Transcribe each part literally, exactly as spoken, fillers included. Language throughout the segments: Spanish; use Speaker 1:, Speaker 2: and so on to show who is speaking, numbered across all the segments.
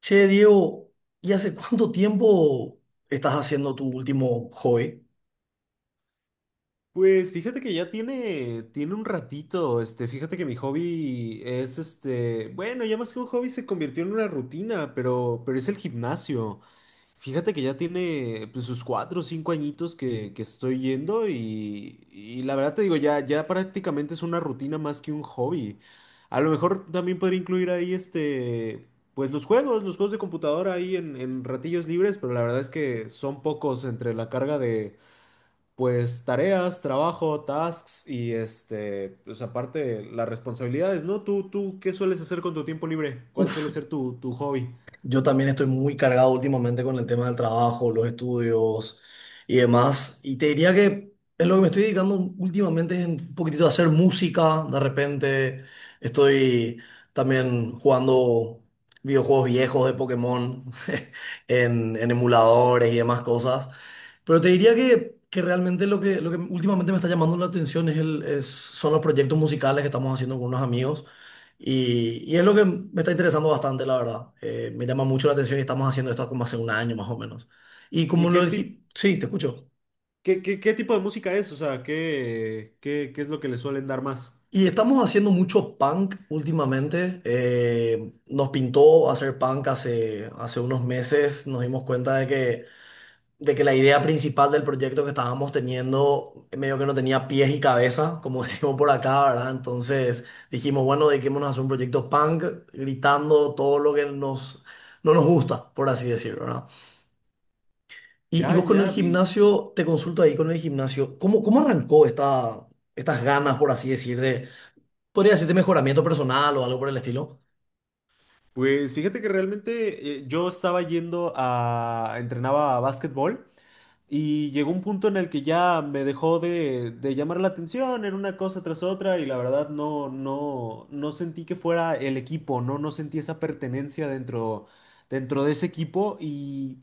Speaker 1: Che, Diego, ¿y hace cuánto tiempo estás haciendo tu último hobby?
Speaker 2: Pues fíjate que ya tiene, tiene un ratito, este, fíjate que mi hobby es este, bueno, ya más que un hobby se convirtió en una rutina, pero, pero es el gimnasio. Fíjate que ya tiene pues, sus cuatro o cinco añitos que, que estoy yendo y, y la verdad te digo, ya, ya prácticamente es una rutina más que un hobby. A lo mejor también podría incluir ahí este, pues los juegos, los juegos de computadora ahí en, en ratillos libres, pero la verdad es que son pocos entre la carga de pues tareas, trabajo, tasks y este, pues aparte las responsabilidades, ¿no? Tú, tú, ¿qué sueles hacer con tu tiempo libre? ¿Cuál
Speaker 1: Uf,
Speaker 2: suele ser tu, tu hobby?
Speaker 1: yo también estoy muy cargado últimamente con el tema del trabajo, los estudios y demás. Y te diría que en lo que me estoy dedicando últimamente es un poquitito a hacer música. De repente estoy también jugando videojuegos viejos de Pokémon en, en emuladores y demás cosas. Pero te diría que, que realmente lo que, lo que últimamente me está llamando la atención es el, es- son los proyectos musicales que estamos haciendo con unos amigos. Y, y es lo que me está interesando bastante, la verdad. Eh, me llama mucho la atención y estamos haciendo esto como hace un año más o menos. Y
Speaker 2: ¿Y
Speaker 1: como
Speaker 2: qué
Speaker 1: lo
Speaker 2: tip,
Speaker 1: dije, sí, te escucho.
Speaker 2: qué, qué, qué tipo de música es? O sea, ¿qué, qué, qué es lo que le suelen dar más?
Speaker 1: Y estamos haciendo mucho punk últimamente. Eh, nos pintó hacer punk hace, hace unos meses. Nos dimos cuenta de que de que la idea principal del proyecto que estábamos teniendo medio que no tenía pies y cabeza, como decimos por acá, ¿verdad? Entonces dijimos, bueno, dediquémonos a hacer un proyecto punk, gritando todo lo que nos, no nos gusta, por así decirlo, ¿verdad? Y, y
Speaker 2: Ya,
Speaker 1: vos con el
Speaker 2: ya vi.
Speaker 1: gimnasio, te consulto ahí con el gimnasio, ¿cómo, ¿cómo arrancó esta, estas ganas, por así decir, de, podría decirte mejoramiento personal o algo por el estilo?
Speaker 2: Pues fíjate que realmente eh, yo estaba yendo a, entrenaba a básquetbol y llegó un punto en el que ya me dejó de, de llamar la atención, era una cosa tras otra y la verdad no, no, no sentí que fuera el equipo, no, no sentí esa pertenencia dentro, dentro de ese equipo y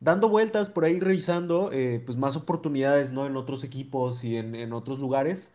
Speaker 2: dando vueltas por ahí revisando eh, pues más oportunidades, ¿no? En otros equipos y en, en otros lugares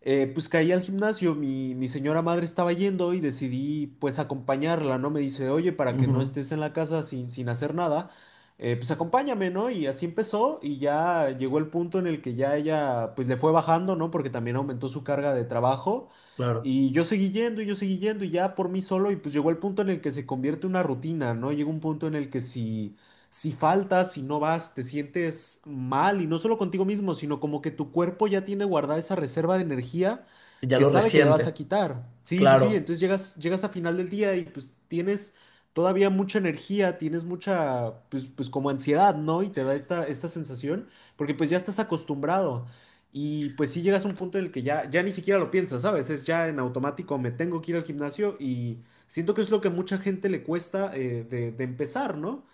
Speaker 2: eh, pues caí al gimnasio, mi, mi señora madre estaba yendo y decidí pues acompañarla, ¿no? Me dice, oye, para que no
Speaker 1: Ujú,
Speaker 2: estés en la casa sin, sin hacer nada, eh, pues acompáñame, ¿no? Y así empezó y ya llegó el punto en el que ya ella pues le fue bajando, ¿no? Porque también aumentó su carga de trabajo
Speaker 1: claro,
Speaker 2: y yo seguí yendo y yo seguí yendo y ya por mí solo y pues llegó el punto en el que se convierte en una rutina, ¿no? Llegó un punto en el que si si faltas, si no vas, te sientes mal y no solo contigo mismo, sino como que tu cuerpo ya tiene guardada esa reserva de energía
Speaker 1: ya
Speaker 2: que
Speaker 1: lo
Speaker 2: sabe que le vas a
Speaker 1: reciente,
Speaker 2: quitar. Sí, sí, sí,
Speaker 1: claro.
Speaker 2: entonces llegas, llegas a final del día y pues tienes todavía mucha energía, tienes mucha, pues, pues como ansiedad, ¿no? Y te da esta, esta sensación, porque pues ya estás acostumbrado. Y pues sí llegas a un punto en el que ya, ya ni siquiera lo piensas, ¿sabes? Es ya en automático, me tengo que ir al gimnasio y siento que es lo que a mucha gente le cuesta eh, de de empezar, ¿no?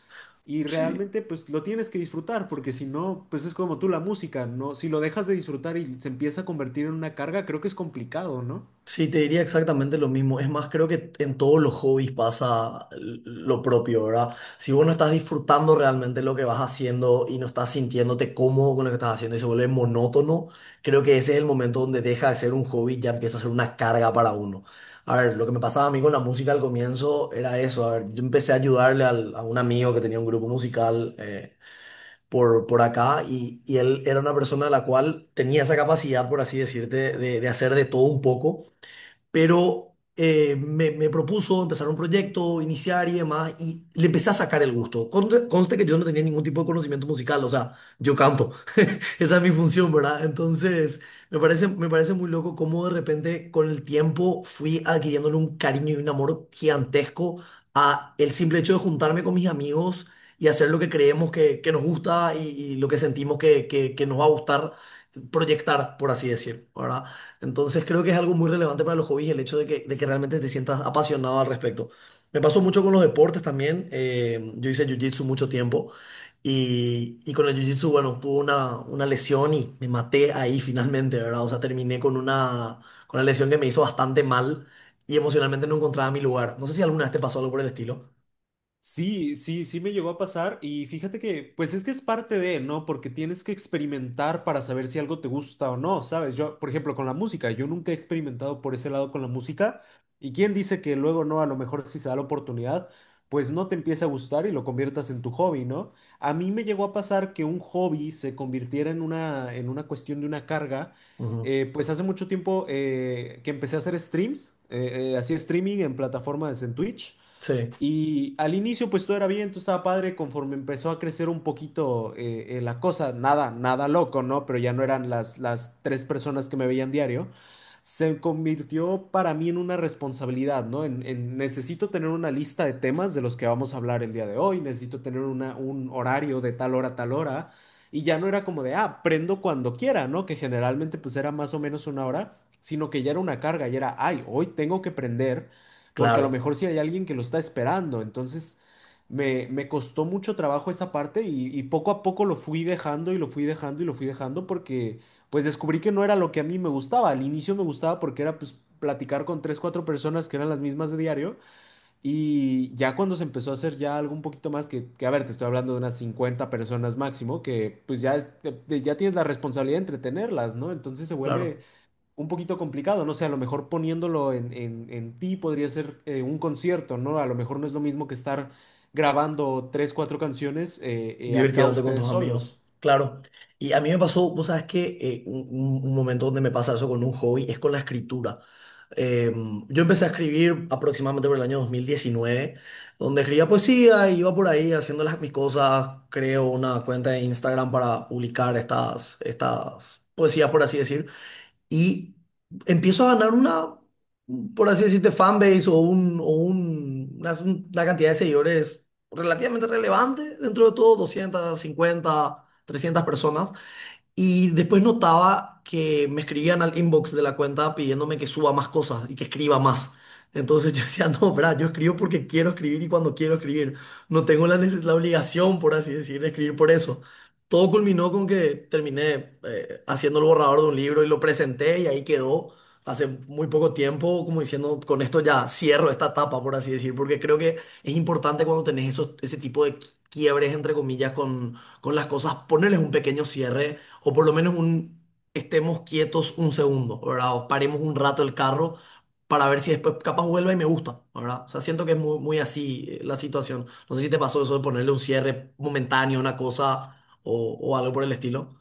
Speaker 2: Y
Speaker 1: Sí.
Speaker 2: realmente pues lo tienes que disfrutar, porque si no, pues es como tú la música, ¿no? Si lo dejas de disfrutar y se empieza a convertir en una carga, creo que es complicado, ¿no?
Speaker 1: Sí, te diría exactamente lo mismo. Es más, creo que en todos los hobbies pasa l- lo propio, ¿verdad? Si vos no estás disfrutando realmente lo que vas haciendo y no estás sintiéndote cómodo con lo que estás haciendo y se vuelve monótono, creo que ese es el momento donde deja de ser un hobby y ya empieza a ser una carga para uno. A ver, lo que me pasaba a mí con la música al comienzo era eso. A ver, yo empecé a ayudarle al- a un amigo que tenía un grupo musical. eh, por, por acá y, y él era una persona a la cual tenía esa capacidad, por así decirte, de, de hacer de todo un poco pero eh, me, me propuso empezar un proyecto, iniciar y demás, y le empecé a sacar el gusto. Conte- Conste que yo no tenía ningún tipo de conocimiento musical, o sea, yo canto, esa es mi función, ¿verdad? Entonces, me parece, me parece muy loco cómo de repente con el tiempo fui adquiriéndole un cariño y un amor gigantesco a el simple hecho de juntarme con mis amigos y hacer lo que creemos que, que nos gusta y, y lo que sentimos que, que, que nos va a gustar proyectar, por así decir, ¿verdad? Entonces, creo que es algo muy relevante para los hobbies el hecho de que, de que realmente te sientas apasionado al respecto. Me pasó mucho con los deportes también. eh, yo hice jiu-jitsu mucho tiempo. Y, y con el jiu-jitsu, bueno, tuve una, una lesión y me maté ahí finalmente, ¿verdad? O sea, terminé con una, con una lesión que me hizo bastante mal y emocionalmente no encontraba mi lugar. No sé si alguna vez te pasó algo por el estilo.
Speaker 2: Sí, sí, sí me llegó a pasar y fíjate que, pues es que es parte de, ¿no? Porque tienes que experimentar para saber si algo te gusta o no, ¿sabes? Yo, por ejemplo, con la música, yo nunca he experimentado por ese lado con la música y quién dice que luego no, a lo mejor si se da la oportunidad, pues no te empieza a gustar y lo conviertas en tu hobby, ¿no? A mí me llegó a pasar que un hobby se convirtiera en una, en una cuestión de una carga.
Speaker 1: Ujú.
Speaker 2: Eh, pues hace mucho tiempo eh, que empecé a hacer streams, eh, eh, hacía streaming en plataformas en Twitch.
Speaker 1: Sí,
Speaker 2: Y al inicio pues todo era bien, todo estaba padre, conforme empezó a crecer un poquito eh, eh, la cosa, nada, nada loco, ¿no? Pero ya no eran las, las tres personas que me veían diario, se convirtió para mí en una responsabilidad, ¿no? En, en necesito tener una lista de temas de los que vamos a hablar el día de hoy, necesito tener una, un horario de tal hora a tal hora, y ya no era como de, ah, prendo cuando quiera, ¿no? Que generalmente pues era más o menos una hora, sino que ya era una carga, y era, ay, hoy tengo que prender porque a lo
Speaker 1: claro,
Speaker 2: mejor sí hay alguien que lo está esperando. Entonces me, me costó mucho trabajo esa parte y, y poco a poco lo fui dejando y lo fui dejando y lo fui dejando porque pues descubrí que no era lo que a mí me gustaba. Al inicio me gustaba porque era pues platicar con tres, cuatro personas que eran las mismas de diario y ya cuando se empezó a hacer ya algo un poquito más que, que a ver, te estoy hablando de unas cincuenta personas máximo, que pues ya, es- te- te- ya tienes la responsabilidad de entretenerlas, ¿no? Entonces se vuelve
Speaker 1: claro.
Speaker 2: un poquito complicado, no sé, a lo mejor poniéndolo en, en- en ti podría ser eh, un concierto, ¿no? A lo mejor no es lo mismo que estar grabando tres, cuatro canciones eh, eh, acá
Speaker 1: Divirtiéndote con
Speaker 2: ustedes
Speaker 1: tus amigos,
Speaker 2: solos.
Speaker 1: claro. Y a mí me pasó, vos sabes que eh, un, un- un momento donde me pasa eso con un hobby es con la escritura. Eh, yo empecé a escribir aproximadamente por el año dos mil diecinueve, donde escribía poesía, iba por ahí haciendo las, mis cosas, creo una cuenta de Instagram para publicar estas, estas poesías, por así decir y empiezo a ganar una, por así decirte, fanbase o, un, o un- una, una cantidad de seguidores relativamente relevante, dentro de todo, doscientas cincuenta trescientas personas. Y después notaba que me escribían al inbox de la cuenta pidiéndome que suba más cosas y que escriba más. Entonces yo decía, no, bra, yo escribo porque quiero escribir y cuando quiero escribir. No tengo la, neces- la obligación, por así decir, de escribir por eso. Todo culminó con que terminé eh, haciendo el borrador de un libro y lo presenté y ahí quedó hace muy poco tiempo, como diciendo, con esto ya cierro esta etapa, por así decir, porque creo que es importante cuando tenés esos, ese tipo de quiebres, entre comillas, con las cosas, ponerles un pequeño cierre o por lo menos un estemos quietos un segundo, ¿verdad? O paremos un rato el carro para ver si después capaz vuelve y me gusta, ¿verdad? O sea, siento que es muy, muy así eh, la situación. No sé si te pasó eso de ponerle un cierre momentáneo a una cosa o, o algo por el estilo.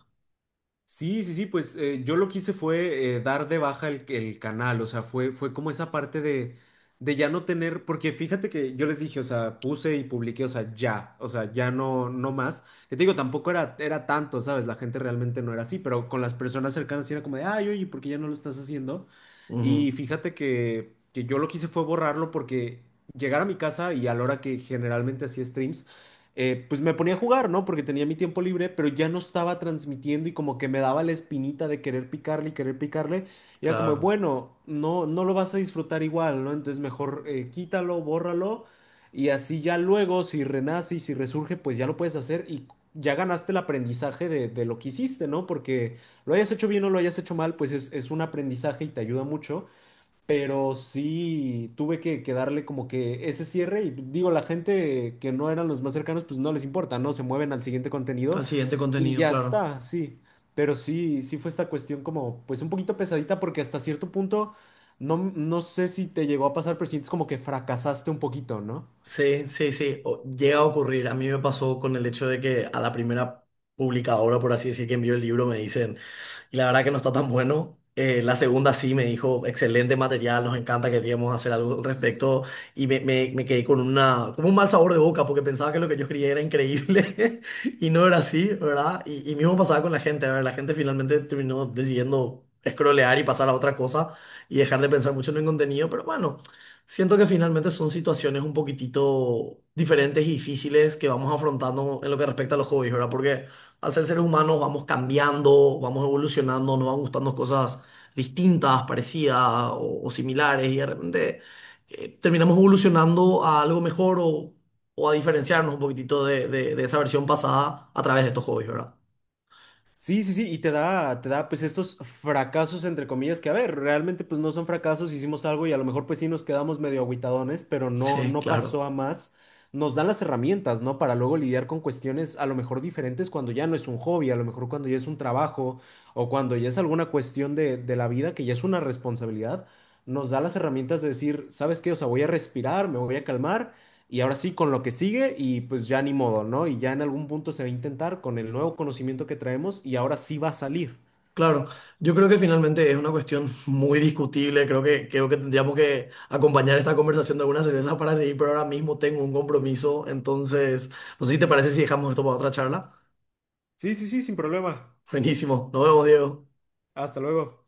Speaker 2: Sí, sí, sí, pues eh, yo lo que hice fue eh, dar de baja el, el canal, o sea, fue, fue como esa parte de, de ya no tener, porque fíjate que yo les dije, o sea, puse y publiqué, o sea, ya, o sea, ya no, no más. Que te digo, tampoco era, era tanto, ¿sabes? La gente realmente no era así, pero con las personas cercanas sí era como de, ay, oye, ¿por qué ya no lo estás haciendo?
Speaker 1: Ujú,
Speaker 2: Y fíjate que, que yo lo que hice fue borrarlo porque llegar a mi casa y a la hora que generalmente hacía streams, eh, pues me ponía a jugar, ¿no? Porque tenía mi tiempo libre, pero ya no estaba transmitiendo y como que me daba la espinita de querer picarle y querer picarle. Y era como,
Speaker 1: claro.
Speaker 2: bueno, no, no lo vas a disfrutar igual, ¿no? Entonces mejor eh, quítalo, bórralo y así ya luego, si renace y si resurge, pues ya lo puedes hacer y ya ganaste el aprendizaje de, de lo que hiciste, ¿no? Porque lo hayas hecho bien o lo hayas hecho mal, pues es, es un aprendizaje y te ayuda mucho. Pero sí tuve que, que darle como que ese cierre y digo, la gente que no eran los más cercanos, pues no les importa, ¿no? Se mueven al siguiente
Speaker 1: Al
Speaker 2: contenido
Speaker 1: siguiente
Speaker 2: y
Speaker 1: contenido,
Speaker 2: ya
Speaker 1: claro.
Speaker 2: está, sí. Pero sí, sí fue esta cuestión como, pues un poquito pesadita porque hasta cierto punto, no, no sé si te llegó a pasar, pero sientes como que fracasaste un poquito, ¿no?
Speaker 1: Sí, sí, sí, o- llega a ocurrir. A mí me pasó con el hecho de que a la primera publicadora, por así decir, que envió el libro, me dicen, y la verdad que no está tan bueno. Eh, la segunda sí me dijo, excelente material, nos encanta, queríamos hacer algo al respecto, y me, me- me quedé con una, como un mal sabor de boca, porque pensaba que lo que yo escribía era increíble, y no era así, ¿verdad? Y, y mismo pasaba con la gente, a ver, la gente finalmente terminó decidiendo scrollear y pasar a otra cosa, y dejar de pensar mucho en el contenido, pero bueno. Siento que finalmente son situaciones un poquitito diferentes y difíciles que vamos afrontando en lo que respecta a los hobbies, ¿verdad? Porque al ser seres humanos vamos cambiando, vamos evolucionando, nos van gustando cosas distintas, parecidas o, o similares y de repente eh, terminamos evolucionando a algo mejor o, o a diferenciarnos un poquitito de, de de esa versión pasada a través de estos hobbies, ¿verdad?
Speaker 2: Sí, sí, sí, y te da, te da pues estos fracasos entre comillas que a ver, realmente pues no son fracasos, hicimos algo y a lo mejor pues sí nos quedamos medio agüitadones, pero no,
Speaker 1: Sí,
Speaker 2: no
Speaker 1: claro.
Speaker 2: pasó a más. Nos dan las herramientas, ¿no? Para luego lidiar con cuestiones a lo mejor diferentes cuando ya no es un hobby, a lo mejor cuando ya es un trabajo o cuando ya es alguna cuestión de, de la vida que ya es una responsabilidad. Nos da las herramientas de decir, ¿sabes qué? O sea, voy a respirar, me voy a calmar y ahora sí, con lo que sigue y pues ya ni modo, ¿no? Y ya en algún punto se va a intentar con el nuevo conocimiento que traemos y ahora sí va a salir.
Speaker 1: Claro, yo creo que finalmente es una cuestión muy discutible. Creo que, creo que tendríamos que acompañar esta conversación de algunas cervezas para seguir, pero ahora mismo tengo un compromiso. Entonces, no sé si te parece si dejamos esto para otra charla.
Speaker 2: Sí, sí, sí, sin problema.
Speaker 1: Buenísimo, nos vemos, Diego.
Speaker 2: Hasta luego.